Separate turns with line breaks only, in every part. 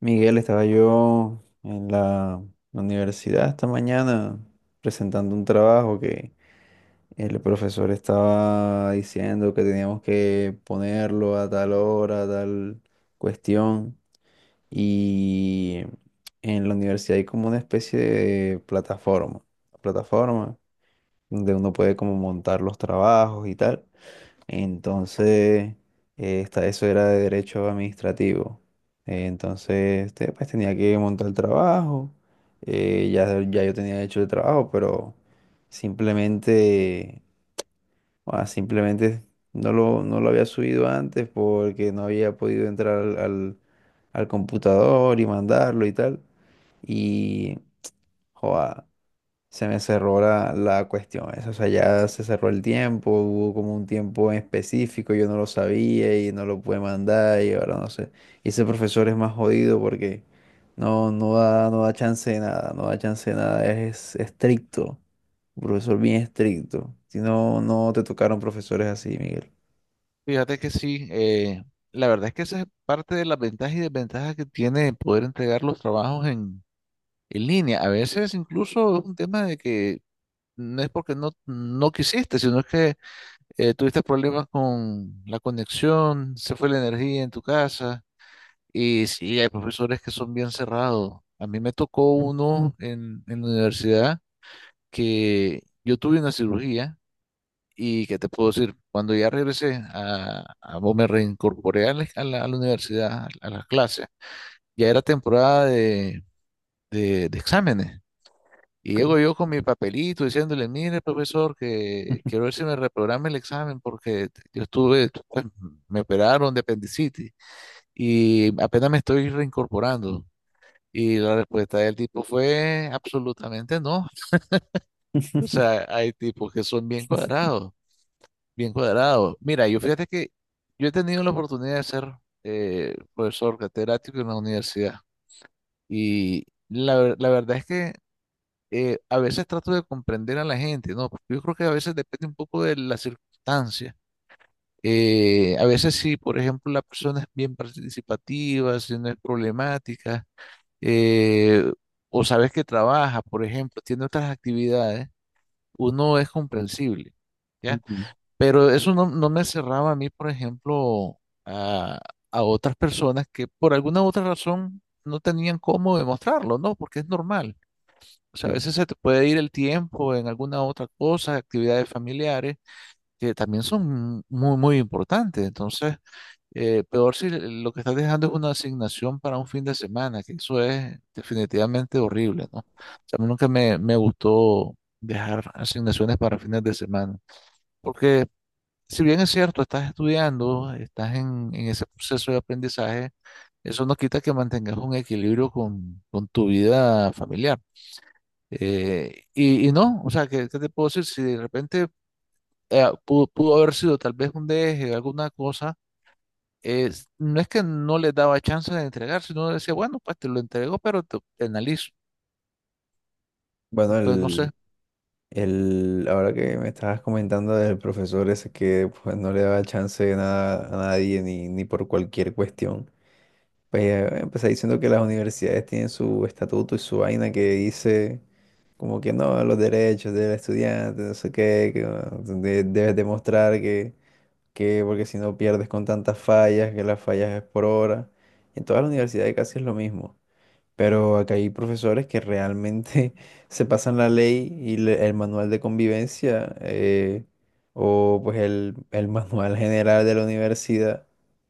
Miguel, estaba yo en la universidad esta mañana presentando un trabajo que el profesor estaba diciendo que teníamos que ponerlo a tal hora, a tal cuestión. Y en la universidad hay como una especie de plataforma donde uno puede como montar los trabajos y tal. Entonces, eso era de derecho administrativo. Entonces, este, pues tenía que montar el trabajo. Ya yo tenía hecho el trabajo, pero simplemente, simplemente no lo había subido antes porque no había podido entrar al computador y mandarlo y tal. Y, joda, se me cerró la cuestión esa, o sea, ya se cerró el tiempo, hubo como un tiempo en específico, yo no lo sabía y no lo pude mandar y ahora no sé. Y ese profesor es más jodido porque no da chance de nada, no da chance de nada, es estricto, un profesor bien estricto. Si no, no te tocaron profesores así, Miguel.
Fíjate que sí, la verdad es que esa es parte de las ventajas y desventajas que tiene poder entregar los trabajos en línea. A veces incluso es un tema de que no es porque no quisiste, sino es que tuviste problemas con la conexión, se fue la energía en tu casa. Y sí, hay profesores que son bien cerrados. A mí me tocó uno en la universidad que yo tuve una cirugía. Y qué te puedo decir, cuando ya regresé a o me reincorporé a la universidad, a, las clases, ya era temporada de exámenes. Y
Ok.
llego yo con mi papelito diciéndole, mire, profesor, que quiero ver si me reprograma el examen porque yo estuve, pues, me operaron de apendicitis y apenas me estoy reincorporando. Y la respuesta del tipo fue absolutamente no. O sea, hay tipos que son bien cuadrados. Bien cuadrado. Mira, yo fíjate que yo he tenido la oportunidad de ser profesor catedrático en la universidad y la verdad es que a veces trato de comprender a la gente, ¿no? Porque yo creo que a veces depende un poco de la circunstancia. A veces si, por ejemplo, la persona es bien participativa, si no es problemática, eh, o sabes que trabaja, por ejemplo, tiene otras actividades, uno es comprensible. ¿Ya?
Ujú,
Pero eso no me cerraba a mí, por ejemplo, a, a otras personas que por alguna u otra razón no tenían cómo demostrarlo, ¿no? Porque es normal. O sea, a
sí.
veces se te puede ir el tiempo en alguna otra cosa, actividades familiares, que también son muy, muy importantes. Entonces, peor si lo que estás dejando es una asignación para un fin de semana, que eso es definitivamente horrible, ¿no? O sea, a mí nunca me gustó dejar asignaciones para fines de semana. Porque si bien es cierto, estás estudiando, estás en ese proceso de aprendizaje, eso no quita que mantengas un equilibrio con tu vida familiar. Y no, o sea, ¿qué, qué te puedo decir? Si de repente pudo haber sido tal vez un deje, alguna cosa, no es que no le daba chance de entregar, sino decía, bueno, pues te lo entrego, pero te analizo.
Bueno,
Entonces, no
el,
sé.
El, ahora que me estabas comentando del profesor ese que pues, no le daba chance de nada a nadie ni por cualquier cuestión, pues empecé diciendo que las universidades tienen su estatuto y su vaina que dice como que no, los derechos del estudiante, no sé qué, que debes demostrar que porque si no pierdes con tantas fallas, que las fallas es por hora. En todas las universidades casi es lo mismo. Pero acá hay profesores que realmente se pasan la ley y el manual de convivencia o pues el manual general de la universidad,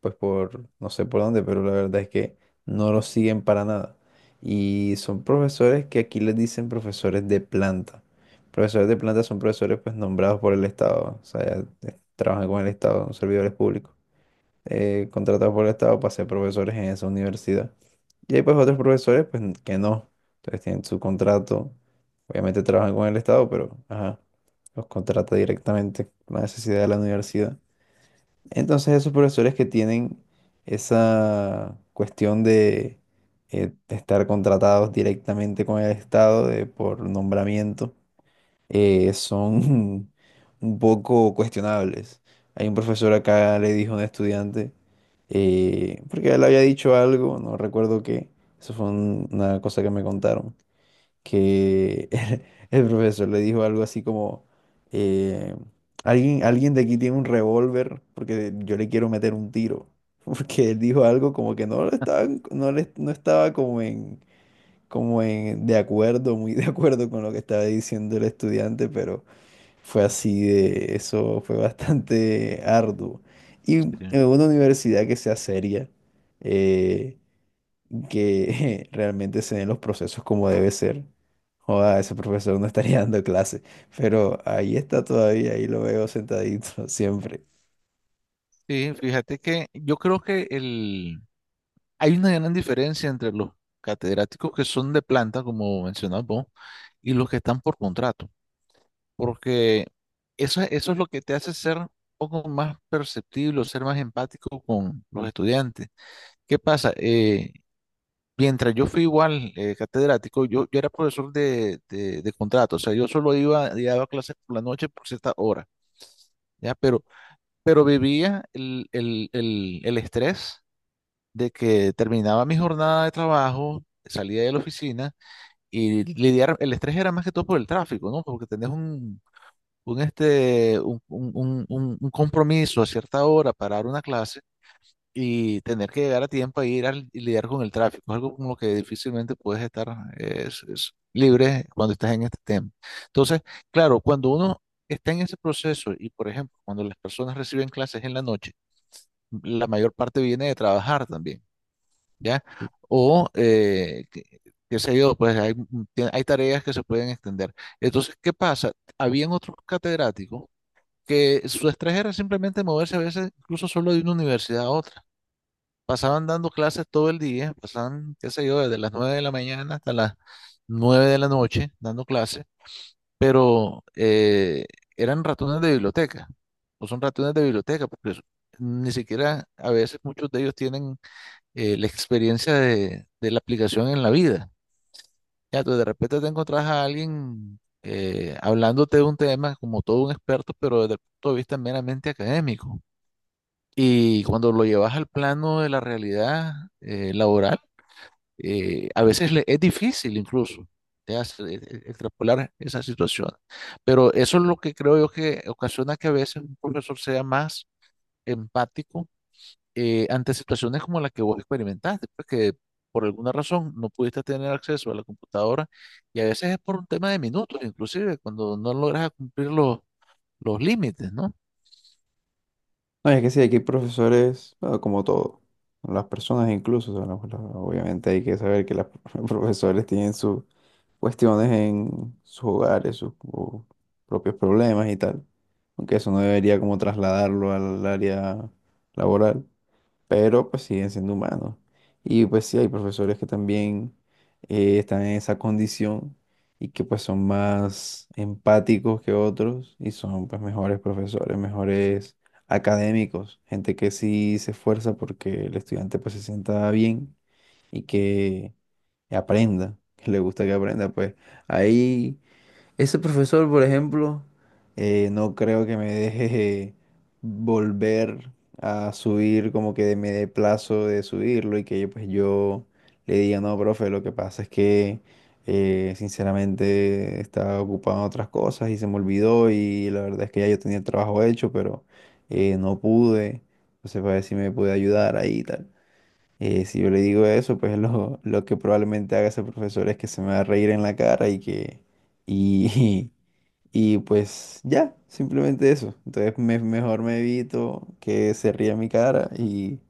pues por no sé por dónde, pero la verdad es que no lo siguen para nada. Y son profesores que aquí les dicen profesores de planta. Profesores de planta son profesores pues nombrados por el Estado, o sea, ya, trabajan con el Estado, son servidores públicos contratados por el Estado para ser profesores en esa universidad. Y hay pues otros profesores que no. Entonces tienen su contrato, obviamente trabajan con el Estado, pero ajá, los contrata directamente con la necesidad de la universidad. Entonces esos profesores que tienen esa cuestión de estar contratados directamente con el Estado por nombramiento, son un poco cuestionables. Hay un profesor acá le dijo a un estudiante, porque él había dicho algo, no recuerdo qué, eso fue una cosa que me contaron, que el, profesor le dijo algo así como, eh, alguien de aquí tiene un revólver porque yo le quiero meter un tiro. Porque él dijo algo como que no lo estaba, no estaba como en, como en, de acuerdo, muy de acuerdo con lo que estaba diciendo el estudiante, pero fue así de, eso fue bastante arduo. Y
Sí,
en una universidad que sea seria, eh, que realmente se den los procesos como debe ser. Joda, ese profesor no estaría dando clase, pero ahí está todavía, ahí lo veo sentadito siempre.
sí, fíjate que yo creo que el... Hay una gran diferencia entre los catedráticos que son de planta, como mencionabas vos, y los que están por contrato, porque eso es lo que te hace ser un poco más perceptible, o ser más empático con los estudiantes. ¿Qué pasa? Mientras yo fui igual catedrático, yo era profesor de contrato, o sea, yo solo iba y daba clases por la noche por cierta hora, ¿ya? Pero vivía el estrés de que terminaba mi jornada de trabajo, salía de la oficina y lidiar, el estrés era más que todo por el tráfico, ¿no? Porque tenés un, este, un compromiso a cierta hora para dar una clase y tener que llegar a tiempo a ir y lidiar con el tráfico. Es algo con lo que difícilmente puedes estar es libre cuando estás en este tema. Entonces, claro, cuando uno está en ese proceso y, por ejemplo, cuando las personas reciben clases en la noche, la mayor parte viene de trabajar también. ¿Ya? O, eh, que- Qué sé yo, pues hay, hay tareas que se pueden extender. Entonces, ¿qué pasa? Habían otros catedráticos que su estrés era simplemente moverse a veces incluso solo de una universidad a otra. Pasaban dando clases todo el día, pasaban, qué sé yo, desde las 9 de la mañana hasta las 9 de la noche dando clases, pero eran ratones de biblioteca, o son ratones de biblioteca, porque ni siquiera a veces muchos de ellos tienen la experiencia de la aplicación en la vida. Ya, tú de repente te encontrás a alguien hablándote de un tema como todo un experto, pero desde el punto de vista meramente académico. Y cuando lo llevas al plano de la realidad laboral, a veces es difícil incluso te hace, extrapolar esa situación. Pero eso es lo que creo yo que ocasiona que a veces un profesor sea más empático ante situaciones como la que vos experimentaste, pues que por alguna razón no pudiste tener acceso a la computadora y a veces es por un tema de minutos, inclusive cuando no logras cumplir los límites, ¿no?
No, es que sí, aquí hay profesores, bueno, como todo, las personas incluso, o sea, obviamente hay que saber que los profesores tienen su, cuestiones en sus hogares, sus o propios problemas y tal. Aunque eso no debería como trasladarlo al área laboral, pero pues siguen siendo humanos. Y pues sí, hay profesores que también están en esa condición y que pues son más empáticos que otros y son pues mejores profesores, mejores académicos, gente que sí se esfuerza porque el estudiante pues se sienta bien y que aprenda, que le gusta que aprenda, pues ahí ese profesor, por ejemplo, no creo que me deje volver a subir como que me dé plazo de subirlo y que yo, pues yo le diga, no, profe, lo que pasa es que sinceramente estaba ocupado en otras cosas y se me olvidó y la verdad es que ya yo tenía el trabajo hecho, pero no pude, entonces para ver si me puede ayudar ahí y tal. Si yo le digo eso, pues lo que probablemente haga ese profesor es que se me va a reír en la cara y que... Y, y pues ya, simplemente eso. Entonces mejor me evito que se ría en mi cara y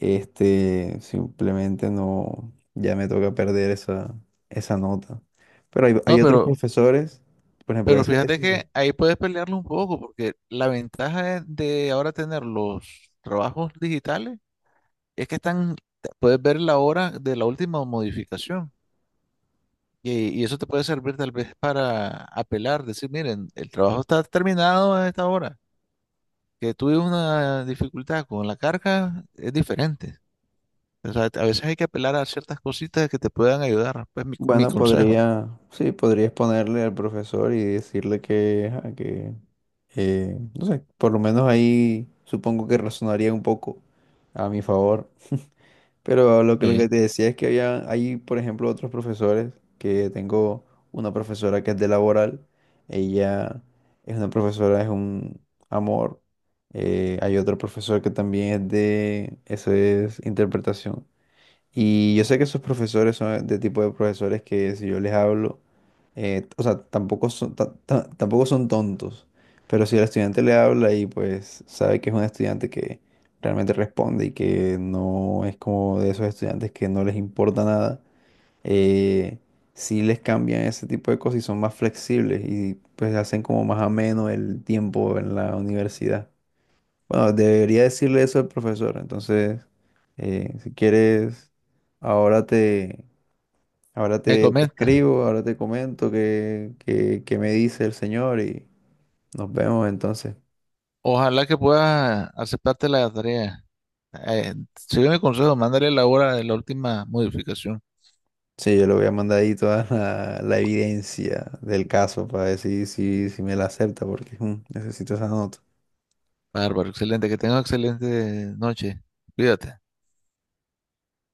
este, simplemente no, ya me toca perder esa nota. Pero
No,
hay otros
pero,
profesores, por ejemplo,
pero fíjate que ahí puedes pelearlo un poco porque la ventaja de ahora tener los trabajos digitales es que están, puedes ver la hora de la última modificación. Y eso te puede servir tal vez para apelar, decir, miren, el trabajo está terminado a esta hora que tuve una dificultad con la carga es diferente. O sea, a veces hay que apelar a ciertas cositas que te puedan ayudar. Pues mi
bueno,
consejo.
podría, sí, podrías ponerle al profesor y decirle que, ajá, que no sé, por lo menos ahí supongo que razonaría un poco a mi favor. Pero lo que
Sí.
te decía es que había, hay, por ejemplo, otros profesores, que tengo una profesora que es de laboral, ella es una profesora, es un amor. Hay otro profesor que también es de, eso es interpretación. Y yo sé que esos profesores son de tipo de profesores que si yo les hablo, o sea, tampoco son, tampoco son tontos, pero si el estudiante le habla y pues sabe que es un estudiante que realmente responde y que no es como de esos estudiantes que no les importa nada, eh, sí les cambian ese tipo de cosas y son más flexibles y pues hacen como más ameno el tiempo en la universidad. Bueno, debería decirle eso al profesor. Entonces, si quieres, ahora te, ahora
Me
te, te
comenta.
escribo, ahora te comento qué, qué me dice el señor y nos vemos entonces.
Ojalá que puedas aceptarte la tarea. Sigue mi consejo, mándale la hora de la última modificación.
Sí, yo le voy a mandar ahí toda la evidencia del caso para decir si, si me la acepta, porque mm, necesito esa nota.
Bárbaro, excelente. Que tengas excelente noche. Cuídate.